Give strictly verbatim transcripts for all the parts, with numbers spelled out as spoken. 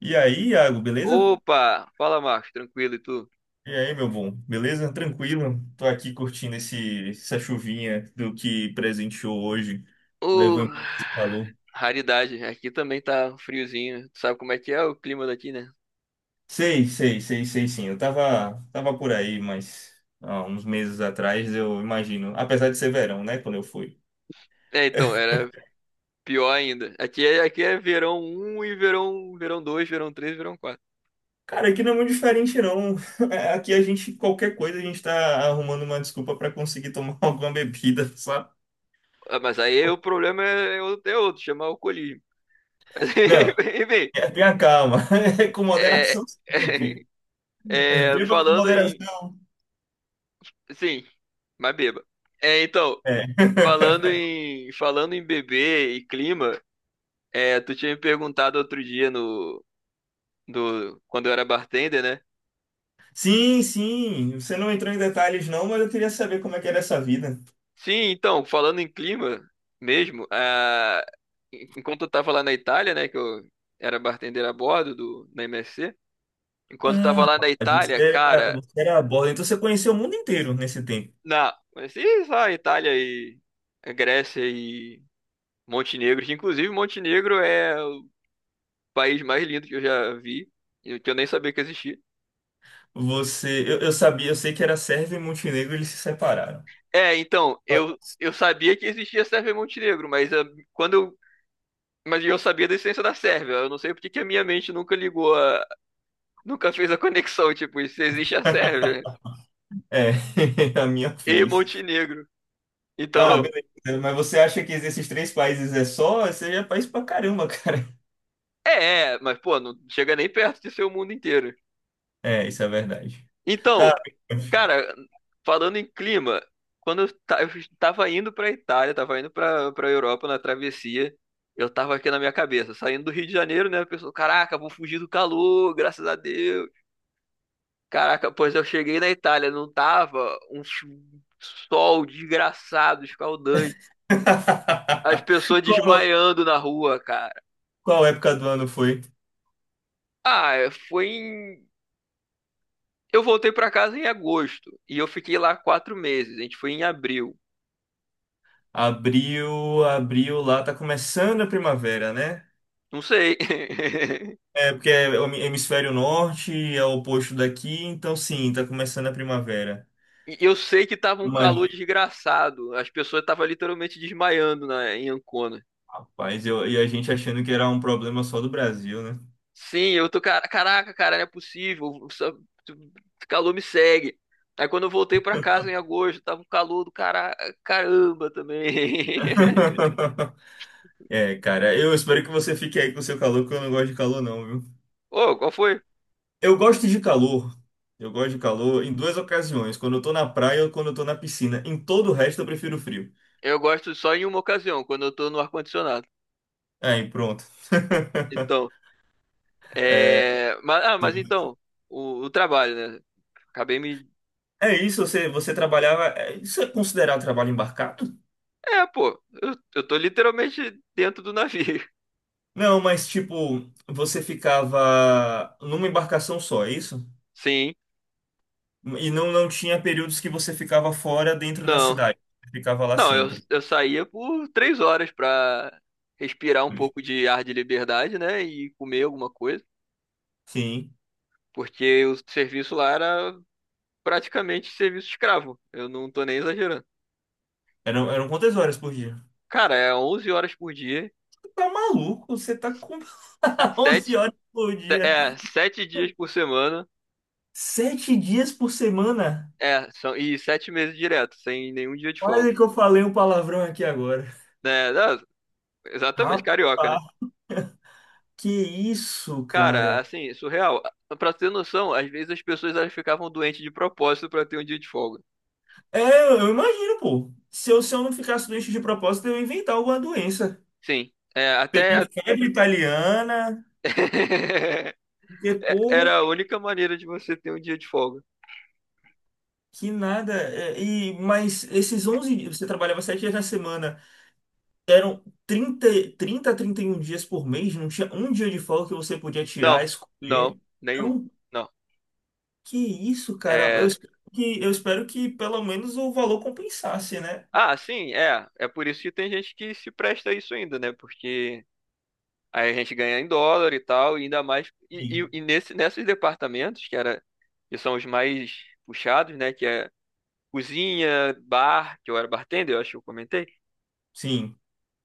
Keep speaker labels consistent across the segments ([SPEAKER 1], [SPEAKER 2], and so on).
[SPEAKER 1] E aí, Iago, beleza?
[SPEAKER 2] Opa! Fala, Marcos, tranquilo, e tu?
[SPEAKER 1] E aí, meu bom, beleza? Tranquilo? Tô aqui curtindo esse, essa chuvinha do que presenteou hoje.
[SPEAKER 2] Ô,
[SPEAKER 1] Levou embora esse calor.
[SPEAKER 2] raridade, aqui também tá friozinho. Tu sabe como é que é o clima daqui, né?
[SPEAKER 1] Sei, sei, sei, sei sim. Eu tava, tava por aí, mas há uns meses atrás, eu imagino. Apesar de ser verão, né? Quando eu fui.
[SPEAKER 2] É, então, era pior ainda. Aqui é, aqui é verão um e verão, verão dois, verão três, verão quatro.
[SPEAKER 1] Cara, aqui não é muito diferente, não. Aqui a gente, qualquer coisa, a gente tá arrumando uma desculpa pra conseguir tomar alguma bebida, sabe?
[SPEAKER 2] Ah, mas aí o problema é, é outro é outro, chamar alcoolismo.
[SPEAKER 1] Não,
[SPEAKER 2] Enfim,
[SPEAKER 1] tenha calma. É com
[SPEAKER 2] é,
[SPEAKER 1] moderação sempre.
[SPEAKER 2] é, é,
[SPEAKER 1] Beba com
[SPEAKER 2] falando em...
[SPEAKER 1] moderação.
[SPEAKER 2] Sim, mas beba. É, então,
[SPEAKER 1] É.
[SPEAKER 2] falando em, falando em bebê e clima, é, tu tinha me perguntado outro dia no, do quando eu era bartender, né?
[SPEAKER 1] Sim, sim. Você não entrou em detalhes, não, mas eu queria saber como é que era essa vida.
[SPEAKER 2] Sim, então, falando em clima mesmo, ah, enquanto eu tava lá na Itália, né, que eu era bartender a bordo do na M S C, enquanto eu tava
[SPEAKER 1] Ah,
[SPEAKER 2] lá na
[SPEAKER 1] rapaz,
[SPEAKER 2] Itália,
[SPEAKER 1] você era,
[SPEAKER 2] cara,
[SPEAKER 1] você era a borda, então você conheceu o mundo inteiro nesse tempo.
[SPEAKER 2] na, mas se só a Itália e a Grécia e Montenegro, que inclusive Montenegro é o país mais lindo que eu já vi, e que eu nem sabia que existia.
[SPEAKER 1] Você, eu, eu sabia, eu sei que era Sérvia e Montenegro, eles se separaram.
[SPEAKER 2] É, então, eu eu sabia que existia Sérvia e Montenegro. mas ah, quando eu Mas eu sabia da existência da Sérvia. Eu não sei porque que a minha mente nunca ligou a... Nunca fez a conexão, tipo, se existe a Sérvia
[SPEAKER 1] É, a minha
[SPEAKER 2] e
[SPEAKER 1] fez.
[SPEAKER 2] Montenegro.
[SPEAKER 1] Tá,
[SPEAKER 2] Então,
[SPEAKER 1] beleza. Mas você acha que esses três países é só? Você já é país pra caramba, cara.
[SPEAKER 2] é, é, mas pô, não chega nem perto de ser o mundo inteiro.
[SPEAKER 1] É, isso é verdade. Tá.
[SPEAKER 2] Então, cara, falando em clima, quando eu, ta- eu tava indo pra Itália, tava indo pra, pra Europa na travessia. Eu tava aqui na minha cabeça, saindo do Rio de Janeiro, né? A pessoa, caraca, vou fugir do calor, graças a Deus. Caraca, pois eu cheguei na Itália, não tava um sol desgraçado, escaldante. As pessoas
[SPEAKER 1] Qual,
[SPEAKER 2] desmaiando na rua, cara.
[SPEAKER 1] qual época do ano foi?
[SPEAKER 2] Ah, é, foi em... Eu voltei pra casa em agosto e eu fiquei lá quatro meses. A gente foi em abril.
[SPEAKER 1] Abril, abril lá tá começando a primavera, né?
[SPEAKER 2] Não sei.
[SPEAKER 1] É, porque é o hemi- hemisfério norte, é o oposto daqui, então sim, tá começando a primavera.
[SPEAKER 2] E eu sei que tava um
[SPEAKER 1] Mas,
[SPEAKER 2] calor desgraçado. As pessoas estavam literalmente desmaiando na... em Ancona.
[SPEAKER 1] rapaz, eu, e a gente achando que era um problema só do Brasil, né?
[SPEAKER 2] Sim, eu tô, cara, caraca, cara, não é possível. só- tu- Calor me segue. Aí quando eu voltei pra casa em agosto, tava um calor do cara, caramba também.
[SPEAKER 1] É, cara, eu espero que você fique aí com o seu calor, porque eu não gosto de calor, não, viu?
[SPEAKER 2] Ô, qual foi?
[SPEAKER 1] Eu gosto de calor. Eu gosto de calor em duas ocasiões, quando eu tô na praia ou quando eu tô na piscina. Em todo o resto, eu prefiro frio.
[SPEAKER 2] Eu gosto só em uma ocasião, quando eu tô no ar-condicionado.
[SPEAKER 1] Aí, pronto.
[SPEAKER 2] Então, é. Mas, ah, mas então, o, o trabalho, né? Acabei me.
[SPEAKER 1] É isso, você, você trabalhava. É, isso é considerado trabalho embarcado?
[SPEAKER 2] É, pô, eu, eu tô literalmente dentro do navio.
[SPEAKER 1] Não, mas tipo, você ficava numa embarcação só, é isso?
[SPEAKER 2] Sim,
[SPEAKER 1] E não, não tinha períodos que você ficava fora dentro da
[SPEAKER 2] não.
[SPEAKER 1] cidade. Você ficava lá
[SPEAKER 2] Não, eu,
[SPEAKER 1] sempre.
[SPEAKER 2] eu saía por três horas pra respirar um pouco de ar de liberdade, né? E comer alguma coisa.
[SPEAKER 1] Sim.
[SPEAKER 2] Porque o serviço lá era praticamente serviço escravo. Eu não tô nem exagerando.
[SPEAKER 1] Eram, eram quantas horas por dia?
[SPEAKER 2] Cara, é onze horas por dia,
[SPEAKER 1] Você tá maluco? Você tá com
[SPEAKER 2] sete,
[SPEAKER 1] onze horas por dia.
[SPEAKER 2] é, sete dias por semana,
[SPEAKER 1] Sete dias por semana?
[SPEAKER 2] é, são, e sete meses direto, sem nenhum dia de folga.
[SPEAKER 1] Quase que eu falei um palavrão aqui agora.
[SPEAKER 2] Né? Ah, exatamente, carioca, né?
[SPEAKER 1] Rapaz, que isso,
[SPEAKER 2] Cara,
[SPEAKER 1] cara?
[SPEAKER 2] assim, surreal. Pra ter noção, às vezes as pessoas elas ficavam doentes de propósito pra ter um dia de folga.
[SPEAKER 1] É, eu imagino, pô. Se eu, se eu não ficasse doente de propósito, eu ia inventar alguma doença.
[SPEAKER 2] Sim. É,
[SPEAKER 1] Peguei
[SPEAKER 2] até,
[SPEAKER 1] febre italiana, porque, pô,
[SPEAKER 2] era a única maneira de você ter um dia de folga.
[SPEAKER 1] que nada. É, e, mas esses onze dias, você trabalhava sete dias na semana, eram trinta, trinta a trinta e um dias por mês, não tinha um dia de folga que você podia tirar,
[SPEAKER 2] Não, não,
[SPEAKER 1] escolher.
[SPEAKER 2] nenhum.
[SPEAKER 1] Não,
[SPEAKER 2] Não.
[SPEAKER 1] que isso, cara. Eu,
[SPEAKER 2] É...
[SPEAKER 1] espero que, eu espero que pelo menos o valor compensasse, né?
[SPEAKER 2] Ah, sim, é. É por isso que tem gente que se presta a isso ainda, né? Porque aí a gente ganha em dólar e tal, e ainda mais. E, e,
[SPEAKER 1] Sim.
[SPEAKER 2] e nesse, nesses departamentos, que era, que são os mais puxados, né? Que é cozinha, bar, que eu era bartender, eu acho que eu comentei.
[SPEAKER 1] Sim.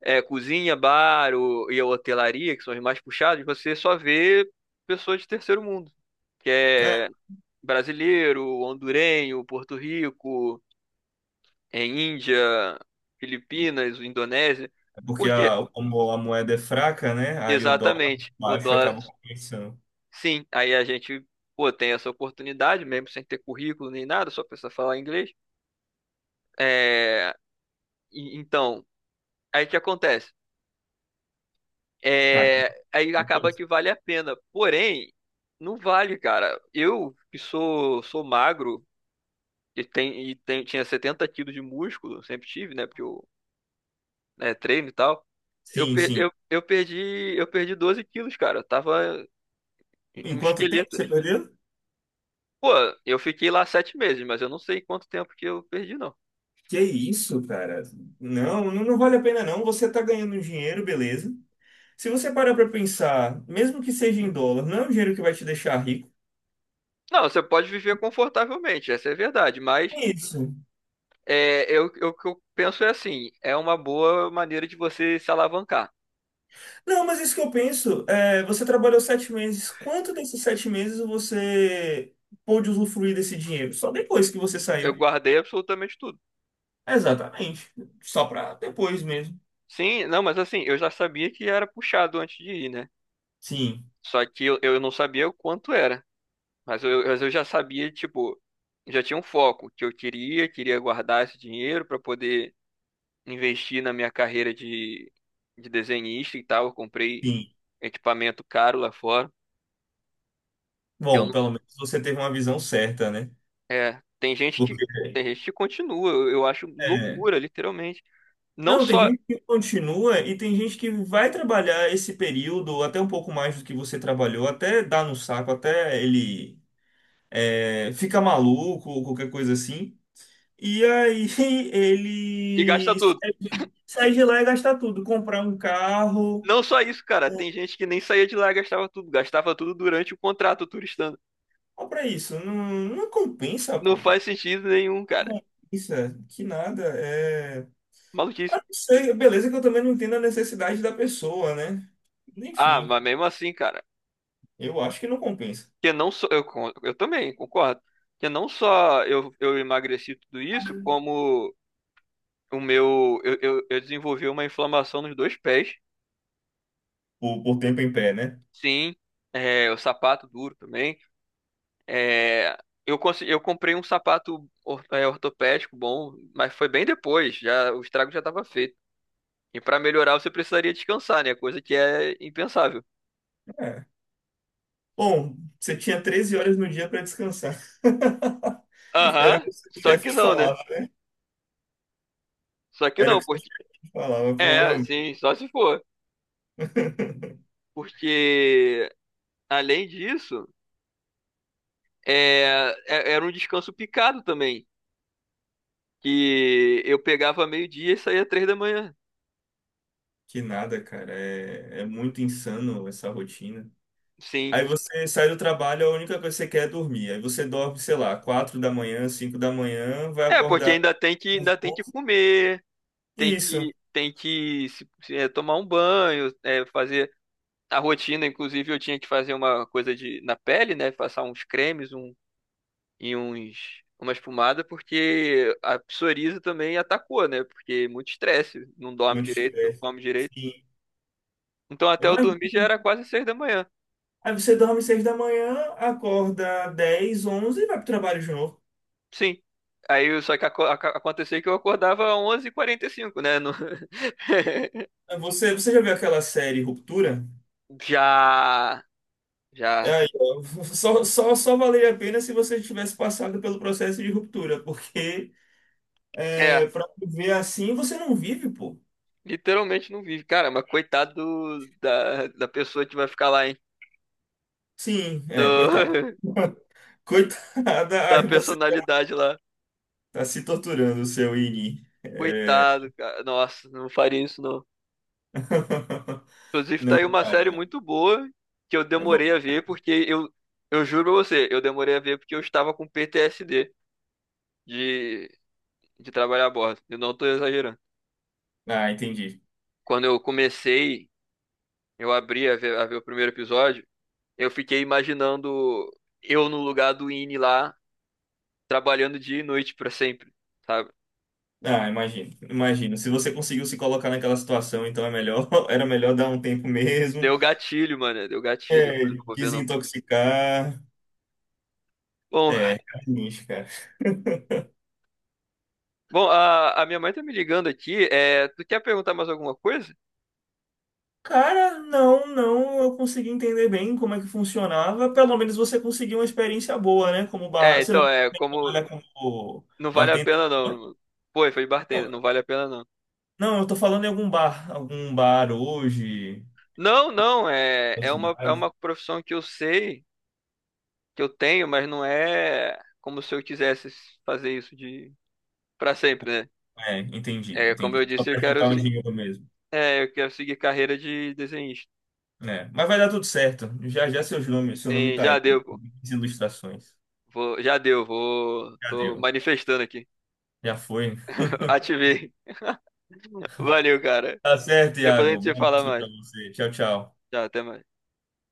[SPEAKER 2] É, cozinha, bar o, e a hotelaria, que são os mais puxados, você só vê pessoas de terceiro mundo. Que
[SPEAKER 1] É,
[SPEAKER 2] é brasileiro, hondurenho, Porto Rico, é, Índia, Filipinas, Indonésia.
[SPEAKER 1] porque
[SPEAKER 2] Porque,
[SPEAKER 1] a, como a moeda é fraca, né? Aí o dólar
[SPEAKER 2] exatamente, o
[SPEAKER 1] baixo
[SPEAKER 2] dólar,
[SPEAKER 1] acaba compensando.
[SPEAKER 2] sim, aí a gente, pô, tem essa oportunidade, mesmo sem ter currículo nem nada, só precisa falar inglês. É, e- então, aí o que acontece?
[SPEAKER 1] Cara,
[SPEAKER 2] É, aí
[SPEAKER 1] uma
[SPEAKER 2] acaba
[SPEAKER 1] coisa.
[SPEAKER 2] que vale a pena. Porém, não vale, cara. Eu que sou, sou, magro e, tem, e tem, tinha setenta quilos de músculo, sempre tive, né? Porque eu, né, treino e tal. Eu,
[SPEAKER 1] Sim,
[SPEAKER 2] per-
[SPEAKER 1] sim.
[SPEAKER 2] eu, eu perdi, eu perdi doze quilos, cara. Eu tava um
[SPEAKER 1] Em quanto tempo
[SPEAKER 2] esqueleto.
[SPEAKER 1] você perdeu?
[SPEAKER 2] Pô, eu fiquei lá sete meses, mas eu não sei quanto tempo que eu perdi, não.
[SPEAKER 1] Que isso, cara? Não, não não vale a pena, não. Você tá ganhando dinheiro, beleza. Se você parar pra pensar, mesmo que seja em dólar, não é um dinheiro que vai te deixar rico.
[SPEAKER 2] Não, você pode viver confortavelmente, essa é a verdade, mas
[SPEAKER 1] É isso.
[SPEAKER 2] é, eu, eu- o que eu penso é assim, é uma boa maneira de você se alavancar.
[SPEAKER 1] Não, mas isso que eu penso, é, você trabalhou sete meses. Quanto desses sete meses você pôde usufruir desse dinheiro? Só depois que você
[SPEAKER 2] Eu
[SPEAKER 1] saiu.
[SPEAKER 2] guardei absolutamente tudo.
[SPEAKER 1] Exatamente. Só pra depois mesmo.
[SPEAKER 2] Sim, não, mas assim, eu já sabia que era puxado antes de ir, né?
[SPEAKER 1] Sim,
[SPEAKER 2] Só que eu, eu não sabia o quanto era. Mas eu, mas eu já sabia, tipo, já tinha um foco que eu queria, queria guardar esse dinheiro para poder investir na minha carreira de, de desenhista e tal. Eu comprei
[SPEAKER 1] sim.
[SPEAKER 2] equipamento caro lá fora, que eu
[SPEAKER 1] Bom,
[SPEAKER 2] não,
[SPEAKER 1] pelo menos você teve uma visão certa, né?
[SPEAKER 2] é, tem gente que
[SPEAKER 1] Porque
[SPEAKER 2] tem gente que continua. Eu, eu acho
[SPEAKER 1] é,
[SPEAKER 2] loucura, literalmente. Não
[SPEAKER 1] não, tem
[SPEAKER 2] só
[SPEAKER 1] gente que continua e tem gente que vai trabalhar esse período até um pouco mais do que você trabalhou, até dar no saco, até ele é, fica maluco ou qualquer coisa assim. E aí
[SPEAKER 2] e gasta
[SPEAKER 1] ele
[SPEAKER 2] tudo.
[SPEAKER 1] sai de sai de lá e gasta tudo, comprar um carro,
[SPEAKER 2] Não só isso, cara, tem gente que nem saía de lá e gastava tudo, gastava tudo durante o contrato turistando.
[SPEAKER 1] compra isso. Não, não compensa,
[SPEAKER 2] Não
[SPEAKER 1] pô.
[SPEAKER 2] faz sentido nenhum,
[SPEAKER 1] Não
[SPEAKER 2] cara.
[SPEAKER 1] compensa, que nada. É. Ah,
[SPEAKER 2] Maluquice.
[SPEAKER 1] não sei, beleza que eu também não entendo a necessidade da pessoa, né?
[SPEAKER 2] Ah,
[SPEAKER 1] Enfim,
[SPEAKER 2] mas mesmo assim, cara,
[SPEAKER 1] eu acho que não compensa.
[SPEAKER 2] que não só eu, con- eu também concordo que não só eu, eu emagreci tudo isso, como o meu eu, eu, eu desenvolvi uma inflamação nos dois pés.
[SPEAKER 1] Por, por tempo em pé, né?
[SPEAKER 2] Sim. É, o sapato duro também. É, eu consegui, eu comprei um sapato or- é, ortopédico bom, mas foi bem depois, já o estrago já estava feito, e para melhorar você precisaria descansar, né? Coisa que é impensável.
[SPEAKER 1] É. Bom, você tinha treze horas no dia para descansar. Era o
[SPEAKER 2] Aham.
[SPEAKER 1] que o seu
[SPEAKER 2] só
[SPEAKER 1] chefe
[SPEAKER 2] que
[SPEAKER 1] te
[SPEAKER 2] não né
[SPEAKER 1] falava.
[SPEAKER 2] só que
[SPEAKER 1] Era o
[SPEAKER 2] não
[SPEAKER 1] que o seu
[SPEAKER 2] porque
[SPEAKER 1] chefe falava,
[SPEAKER 2] é
[SPEAKER 1] provavelmente.
[SPEAKER 2] sim, só se for. Porque, além disso, É, é- era um descanso picado também, que eu pegava meio-dia e saía três da manhã.
[SPEAKER 1] Que nada, cara. É, é muito insano essa rotina.
[SPEAKER 2] Sim.
[SPEAKER 1] Aí você sai do trabalho, a única coisa que você quer é dormir. Aí você dorme, sei lá, quatro da manhã, cinco da manhã, vai
[SPEAKER 2] É, porque
[SPEAKER 1] acordar.
[SPEAKER 2] ainda tem que ainda tem que comer, tem
[SPEAKER 1] Isso.
[SPEAKER 2] que tem que se- se- é, tomar um banho, é, fazer a rotina. Inclusive eu tinha que fazer uma coisa de na pele, né? Passar uns cremes, um e uns uma espumada, porque a psoríase também atacou, né? Porque muito estresse, não dorme
[SPEAKER 1] Muito
[SPEAKER 2] direito, não
[SPEAKER 1] estresse.
[SPEAKER 2] come direito.
[SPEAKER 1] Sim.
[SPEAKER 2] Então até eu
[SPEAKER 1] Imagina.
[SPEAKER 2] dormir já era quase seis da manhã.
[SPEAKER 1] Aí você dorme seis da manhã, acorda dez, onze e vai pro trabalho de novo.
[SPEAKER 2] Sim. Aí só que aco- aca- aconteceu que eu acordava onze e quarenta e cinco, né? no-
[SPEAKER 1] Aí, Você, você já viu aquela série Ruptura?
[SPEAKER 2] Já.
[SPEAKER 1] É
[SPEAKER 2] Já.
[SPEAKER 1] aí, ó, só, só, só valeria a pena se você tivesse passado pelo processo de ruptura, porque
[SPEAKER 2] É,
[SPEAKER 1] é, pra viver assim você não vive, pô.
[SPEAKER 2] literalmente não vive. Cara, mas coitado do- da, da pessoa que vai ficar lá, hein?
[SPEAKER 1] Sim, é, coitado.
[SPEAKER 2] Do-
[SPEAKER 1] Coitada,
[SPEAKER 2] Da
[SPEAKER 1] aí você
[SPEAKER 2] personalidade lá.
[SPEAKER 1] tá se torturando, seu Ini. É...
[SPEAKER 2] Coitado, cara. Nossa, não faria isso, não. Inclusive, tá aí uma série muito boa que eu
[SPEAKER 1] é bom.
[SPEAKER 2] demorei a ver, porque eu, eu juro pra você, eu demorei a ver porque eu estava com P T S D de, de trabalhar a bordo. Eu não tô exagerando.
[SPEAKER 1] Ah, entendi.
[SPEAKER 2] Quando eu comecei Eu abri a ver, a ver o primeiro episódio, eu fiquei imaginando eu no lugar do Ini lá, trabalhando dia e noite pra sempre, sabe?
[SPEAKER 1] Ah, imagino, imagino. Se você conseguiu se colocar naquela situação, então é melhor, era melhor dar um tempo mesmo.
[SPEAKER 2] Deu gatilho, mano, deu gatilho. Falei,
[SPEAKER 1] É,
[SPEAKER 2] não vou ver, não.
[SPEAKER 1] desintoxicar.
[SPEAKER 2] Bom,
[SPEAKER 1] É, carniz, cara.
[SPEAKER 2] bom, a, a minha mãe tá me ligando aqui, é, tu quer perguntar mais alguma coisa?
[SPEAKER 1] Cara, não, não, eu consegui entender bem como é que funcionava. Pelo menos você conseguiu uma experiência boa, né? Como
[SPEAKER 2] É,
[SPEAKER 1] bar. Você
[SPEAKER 2] então,
[SPEAKER 1] não
[SPEAKER 2] é, como
[SPEAKER 1] trabalha como
[SPEAKER 2] não vale a
[SPEAKER 1] bartender?
[SPEAKER 2] pena,
[SPEAKER 1] Não,
[SPEAKER 2] não. Pô, foi
[SPEAKER 1] não.
[SPEAKER 2] bartender, não vale a pena, não.
[SPEAKER 1] Não, eu tô falando em algum bar, algum bar hoje.
[SPEAKER 2] Não, não, é,
[SPEAKER 1] Da
[SPEAKER 2] é uma, é
[SPEAKER 1] cidade.
[SPEAKER 2] uma profissão que eu sei, que eu tenho, mas não é como se eu quisesse fazer isso de para sempre, né?
[SPEAKER 1] É, entendi,
[SPEAKER 2] É, como
[SPEAKER 1] entendi.
[SPEAKER 2] eu
[SPEAKER 1] Só
[SPEAKER 2] disse, eu
[SPEAKER 1] pra
[SPEAKER 2] quero,
[SPEAKER 1] juntar um
[SPEAKER 2] se-
[SPEAKER 1] dinheiro mesmo.
[SPEAKER 2] é, eu quero seguir carreira de desenhista.
[SPEAKER 1] É, mas vai dar tudo certo. Já já seus nomes, seu nome
[SPEAKER 2] Sim,
[SPEAKER 1] tá
[SPEAKER 2] já
[SPEAKER 1] aí.
[SPEAKER 2] deu, pô.
[SPEAKER 1] As ilustrações.
[SPEAKER 2] Vou, já deu, vou.
[SPEAKER 1] Já
[SPEAKER 2] Tô
[SPEAKER 1] deu.
[SPEAKER 2] manifestando aqui.
[SPEAKER 1] Já foi.
[SPEAKER 2] Ativei. Valeu, cara.
[SPEAKER 1] Tá certo,
[SPEAKER 2] Depois a
[SPEAKER 1] Iago.
[SPEAKER 2] gente se
[SPEAKER 1] Bom
[SPEAKER 2] fala
[SPEAKER 1] dia pra
[SPEAKER 2] mais.
[SPEAKER 1] você. Tchau, tchau.
[SPEAKER 2] Tchau, até mais.